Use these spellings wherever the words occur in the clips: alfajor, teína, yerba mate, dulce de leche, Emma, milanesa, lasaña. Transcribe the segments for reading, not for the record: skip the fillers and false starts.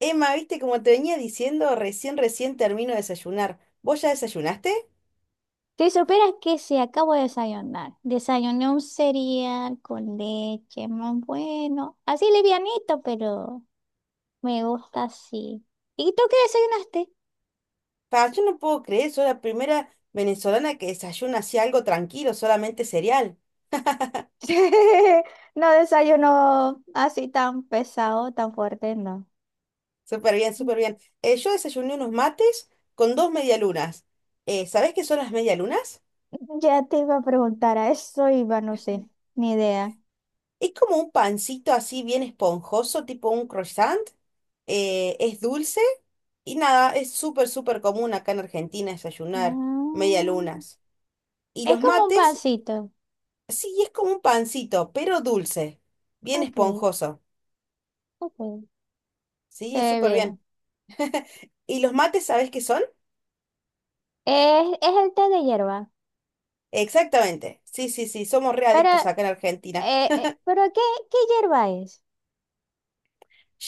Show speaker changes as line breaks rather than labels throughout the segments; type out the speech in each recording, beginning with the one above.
Emma, viste, como te venía diciendo, recién termino de desayunar. ¿Vos ya desayunaste?
Si supieras que sí, acabo de desayunar. Desayuné un cereal con leche, muy bueno. Así livianito, pero me gusta así. ¿Y tú qué
Pa, yo no puedo creer, soy la primera venezolana que desayuna así algo tranquilo, solamente cereal.
desayunaste? No desayuno así tan pesado, tan fuerte, no.
Súper bien, súper bien. Yo desayuné unos mates con dos medialunas. ¿Sabés qué son las medialunas?
Ya te iba a preguntar a eso, iba, no sé, ni idea.
Es como un pancito así bien esponjoso, tipo un croissant. Es dulce y nada, es súper, súper común acá en Argentina desayunar
Ah,
medialunas. Y
es
los
como un
mates
pancito.
sí, es como un pancito, pero dulce, bien
Ok,
esponjoso.
ok. Se
Sí,
ve
súper
bien.
bien. ¿Y los mates, sabés qué son?
Es el té de hierba.
Exactamente. Sí, sí, sí, somos re
Pero
adictos acá en Argentina.
¿Pero qué, qué hierba es?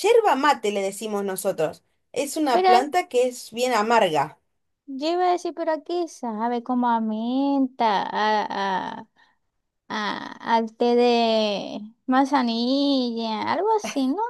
Yerba mate le decimos nosotros. Es una
Pero
planta que es bien amarga.
yo iba a decir, ¿pero a qué sabe? Como a menta, al té de manzanilla, algo así, ¿no?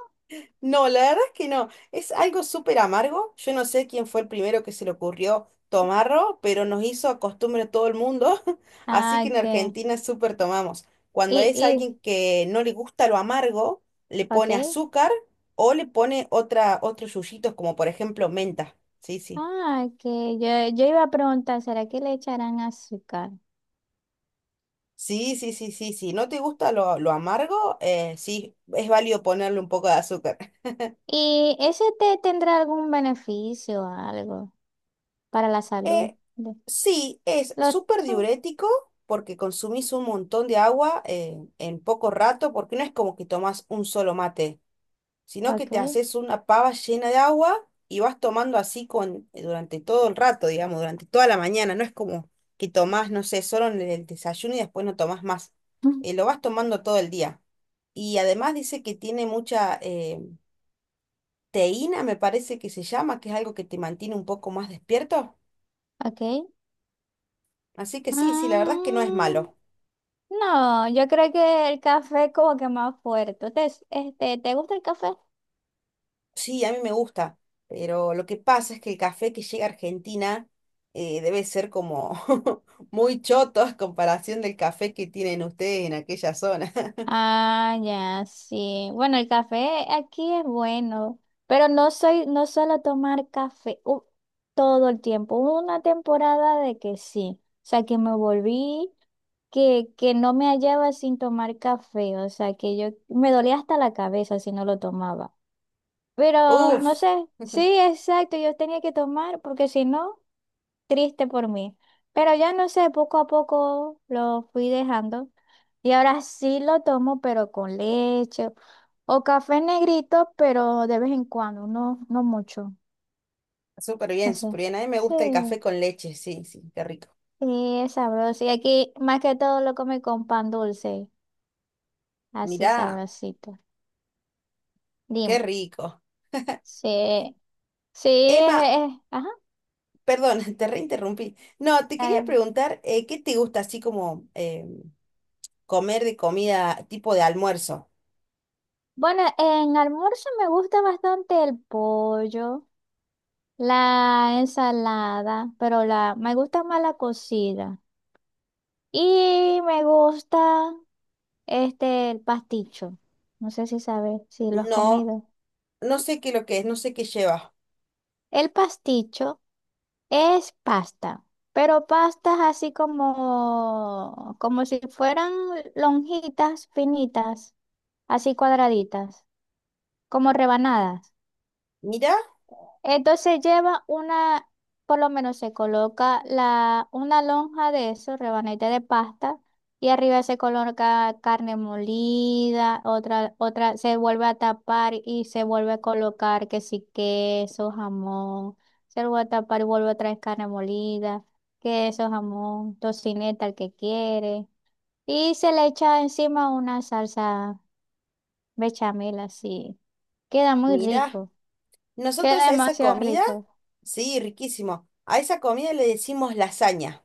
No, la verdad es que no. Es algo súper amargo. Yo no sé quién fue el primero que se le ocurrió tomarlo, pero nos hizo costumbre todo el mundo. Así
Ah,
que en
que,
Argentina súper tomamos. Cuando
y,
es
y,
alguien que no le gusta lo amargo, le pone
ok.
azúcar o le pone otra, otros yuyitos, como por ejemplo menta. Sí, sí.
Ah, que yo iba a preguntar, ¿será que le echarán azúcar?
Sí, sí, sí, sí, sí. ¿No te gusta lo amargo? Sí, es válido ponerle un poco de azúcar.
¿Y ese té tendrá algún beneficio o algo para la salud?
Eh,
De-
sí, es
Lo,
súper diurético porque consumís un montón de agua en poco rato, porque no es como que tomás un solo mate, sino que te
ok,
haces una pava llena de agua y vas tomando así con, durante todo el rato, digamos, durante toda la mañana. No es como que tomás, no sé, solo en el desayuno y después no tomás más. Lo vas tomando todo el día. Y además dice que tiene mucha teína, me parece que se llama, que es algo que te mantiene un poco más despierto.
ok.
Así que sí, sí, la verdad es que no es
Mm.
malo.
No, yo creo que el café es como que más fuerte. Entonces, este, ¿te gusta el café?
Sí, a mí me gusta, pero lo que pasa es que el café que llega a Argentina debe ser como muy choto a comparación del café que tienen ustedes en aquella zona.
Ah, ya, sí. Bueno, el café aquí es bueno, pero no soy, no suelo tomar café todo el tiempo. Hubo una temporada de que sí. O sea, que me volví, que no me hallaba sin tomar café. O sea, que yo me dolía hasta la cabeza si no lo tomaba. Pero no
Uf,
sé, sí, exacto, yo tenía que tomar porque si no. Triste por mí. Pero ya no sé, poco a poco lo fui dejando y ahora sí lo tomo, pero con leche o café negrito, pero de vez en cuando, no, no mucho.
súper
No
bien,
sé.
súper bien. A mí me
Sí,
gusta el café con leche, sí, sí, qué rico.
sí, es sabroso. Y aquí más que todo lo come con pan dulce, así
Mirá,
sabrosito.
qué
Dime.
rico.
Sí, sí,
Emma,
es- ajá,
perdón, te reinterrumpí. No, te quería
dale.
preguntar, ¿qué te gusta así como comer de comida tipo de almuerzo?
Bueno, en almuerzo me gusta bastante el pollo. La ensalada, pero la, me gusta más la cocida. Y me gusta este, el pasticho. No sé si sabes, si lo has
No,
comido.
no sé qué lo que es, no sé qué lleva.
El pasticho es pasta, pero pastas así como, como si fueran lonjitas finitas, así cuadraditas, como rebanadas.
Mira,
Entonces lleva una, por lo menos se coloca la, una lonja de eso, rebanete de pasta, y arriba se coloca carne molida, otra, otra se vuelve a tapar y se vuelve a colocar que sí queso, jamón, se vuelve a tapar y vuelve a traer carne molida, queso, jamón, tocineta, el que quiere, y se le echa encima una salsa bechamel así. Queda muy
mira,
rico, queda
nosotros a esa
demasiado
comida,
rico.
sí, riquísimo. A esa comida le decimos lasaña.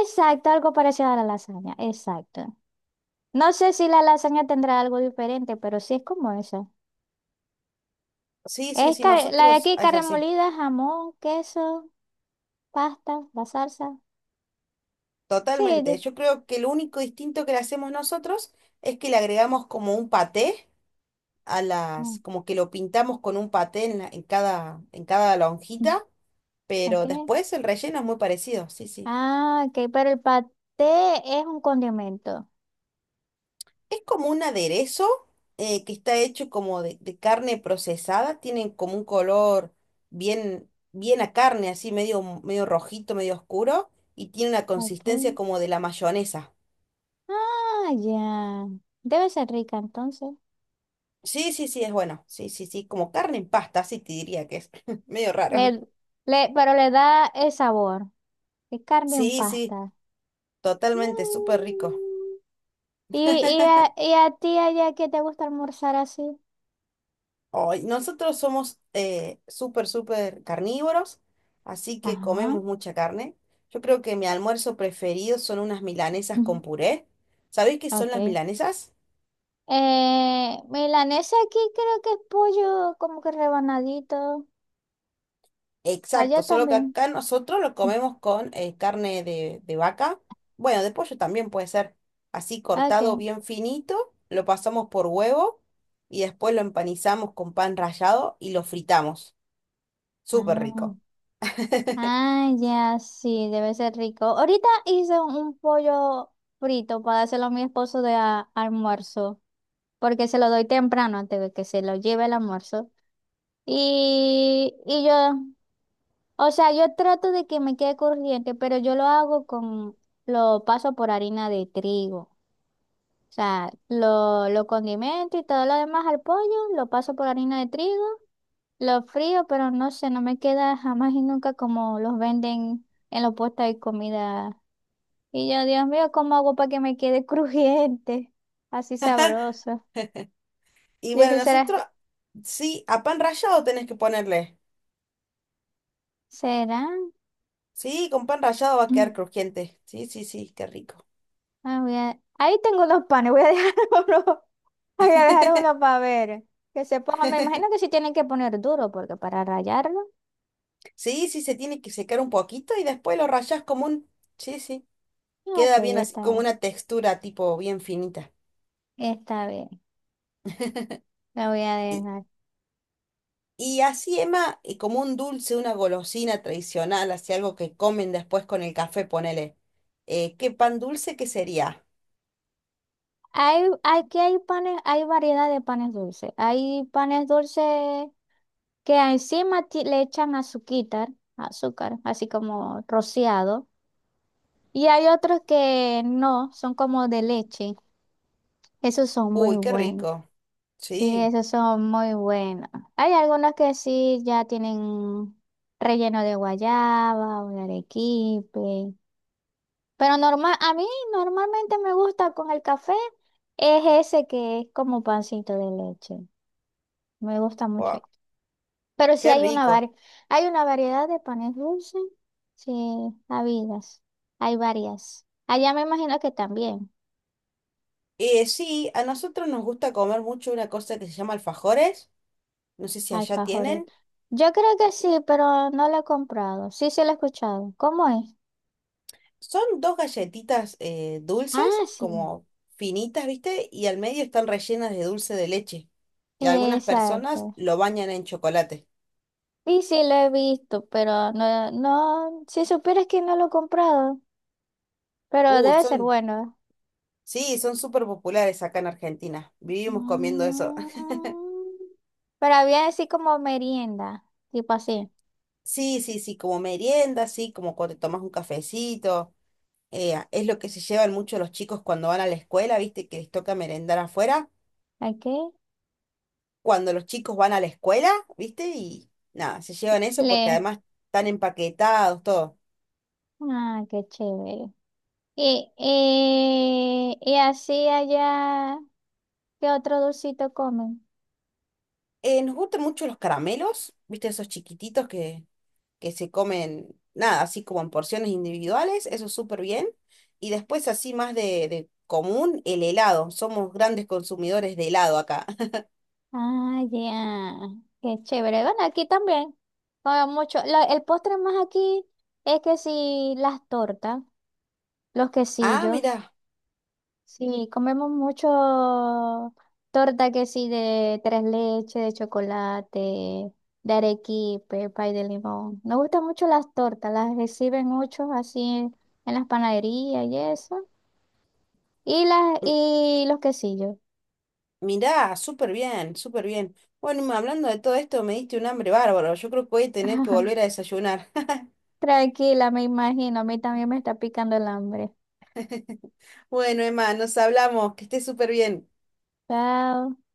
Exacto, algo parecido a la lasaña, exacto. No sé si la lasaña tendrá algo diferente, pero sí es como eso.
Sí, sí,
Es
sí,
car- la de
nosotros
aquí,
es
carne
así,
molida, jamón, queso, pasta, la salsa. Sí,
totalmente.
de-
Yo creo que lo único distinto que le hacemos nosotros es que le agregamos como un paté a las,
mm,
como que lo pintamos con un paté en, la- en cada
mm,
lonjita,
ok.
pero después el relleno es muy parecido, sí, sí.
Ah, ok, pero el paté es un condimento.
Es como un aderezo que está hecho como de carne procesada, tienen como un color bien, bien a carne, así medio, medio rojito, medio oscuro, y tiene una
Ok.
consistencia como de la mayonesa.
Ah, ya. Debe ser rica entonces.
Sí, sí, sí, es bueno. Sí, sí, sí, como carne en pasta, así te diría que es medio
Le,
raro.
le, pero le da el sabor. Es carne en
Sí, sí,
pasta. Mm.
totalmente, súper rico.
Y a ti allá qué te gusta almorzar así?
Ay, nosotros somos súper, súper carnívoros, así que
Ajá.
comemos mucha carne. Yo creo que mi almuerzo preferido son unas milanesas
Ujú.
con puré. ¿Sabéis qué son
Ok.
las milanesas?
Milanesa aquí creo que es pollo como que rebanadito. Allá
Exacto, solo que
también.
acá nosotros lo
Mm.
comemos con carne de vaca. Bueno, de pollo también puede ser así cortado
Ok.
bien finito, lo pasamos por huevo y después lo empanizamos con pan rallado y lo fritamos. Súper
Ah,
rico.
ah, ya sí, debe ser rico. Ahorita hice un pollo frito para dárselo a mi esposo de a- almuerzo, porque se lo doy temprano antes de que se lo lleve el almuerzo. Y yo. O sea, yo trato de que me quede corriente, pero yo lo hago con, lo paso por harina de trigo. O sea, lo condimento y todo lo demás al pollo, lo paso por harina de trigo, lo frío, pero no sé, no me queda jamás y nunca como los venden en los puestos de comida. Y yo, Dios mío, ¿cómo hago para que me quede crujiente? Así sabroso.
Y
Yo
bueno,
dije, ¿será?
nosotros sí, a pan rallado tenés que ponerle.
¿Será?
Sí, con pan rallado va a quedar
Mm.
crujiente. Sí, sí, sí, qué rico.
Ah, voy a- Ahí tengo dos panes, voy a dejar uno. Voy a dejar uno para ver. Que se ponga, me imagino que sí tienen que poner duro, porque para rayarlo.
Sí, sí, se tiene que secar un poquito y después lo rallás como un... Sí, sí,
Ok,
queda bien así,
está
como
bien.
una textura tipo bien finita.
Está bien. La voy a
Y,
dejar.
y así, Emma, y como un dulce, una golosina tradicional, así algo que comen después con el café, ponele. ¿Qué pan dulce que sería?
Hay, aquí hay panes, hay variedad de panes dulces. Hay panes dulces que encima ti- le echan azuquita, azúcar, así como rociado. Y hay otros que no, son como de leche. Esos son muy
Uy, qué
buenos.
rico.
Sí,
Sí,
esos son muy buenos. Hay algunos que sí ya tienen relleno de guayaba o de arequipe. Pero normal, a mí normalmente me gusta con el café, es ese que es como pancito de leche. Me gusta mucho.
guau,
Pero sí
qué
hay una
rico.
vari- hay una variedad de panes dulces. Sí, habidas. Hay varias. Allá me imagino que también,
Sí, a nosotros nos gusta comer mucho una cosa que se llama alfajores. No sé si allá
alfajores.
tienen.
Yo creo que sí, pero no lo he comprado. Sí, sí lo he escuchado. ¿Cómo es?
Son dos galletitas dulces,
Ah, sí,
como finitas, ¿viste? Y al medio están rellenas de dulce de leche. Y algunas personas
exacto.
lo bañan en chocolate.
Y sí lo he visto, pero no, no, si supieras que no lo he comprado, pero
Uy,
debe ser
son,
bueno.
sí, son súper populares acá en Argentina. Vivimos comiendo eso.
Mm, pero había así como merienda, tipo así.
Sí, sí, sí, como merienda, sí, como cuando te tomas un cafecito. Es lo que se llevan mucho los chicos cuando van a la escuela, ¿viste? Que les toca merendar afuera.
¿Ok?
Cuando los chicos van a la escuela, ¿viste? Y nada, se llevan eso porque
Le.
además están empaquetados, todo.
Ah, qué chévere. Y así allá, ¿qué otro dulcito comen?
Nos gustan mucho los caramelos, ¿viste? Esos chiquititos que se comen, nada, así como en porciones individuales, eso súper bien. Y después así más de común, el helado. Somos grandes consumidores de helado acá.
Ah, ya. Qué chévere. Bueno, aquí también. Como mucho. La- el postre más aquí es que sí, las tortas, los
Ah,
quesillos.
mirá,
Sí, comemos mucho torta que sí, de tres leches, de chocolate, de arequipe, pay de limón. Nos gustan mucho las tortas, las reciben muchos así en las panaderías y eso. Y las,
m-
y los quesillos.
mirá, súper bien, súper bien. Bueno, Emma, hablando de todo esto, me diste un hambre bárbaro. Yo creo que voy a tener que volver a desayunar.
Tranquila, me imagino. A mí también me está picando el hambre.
Bueno, Emma, nos hablamos, que estés súper bien.
Chao.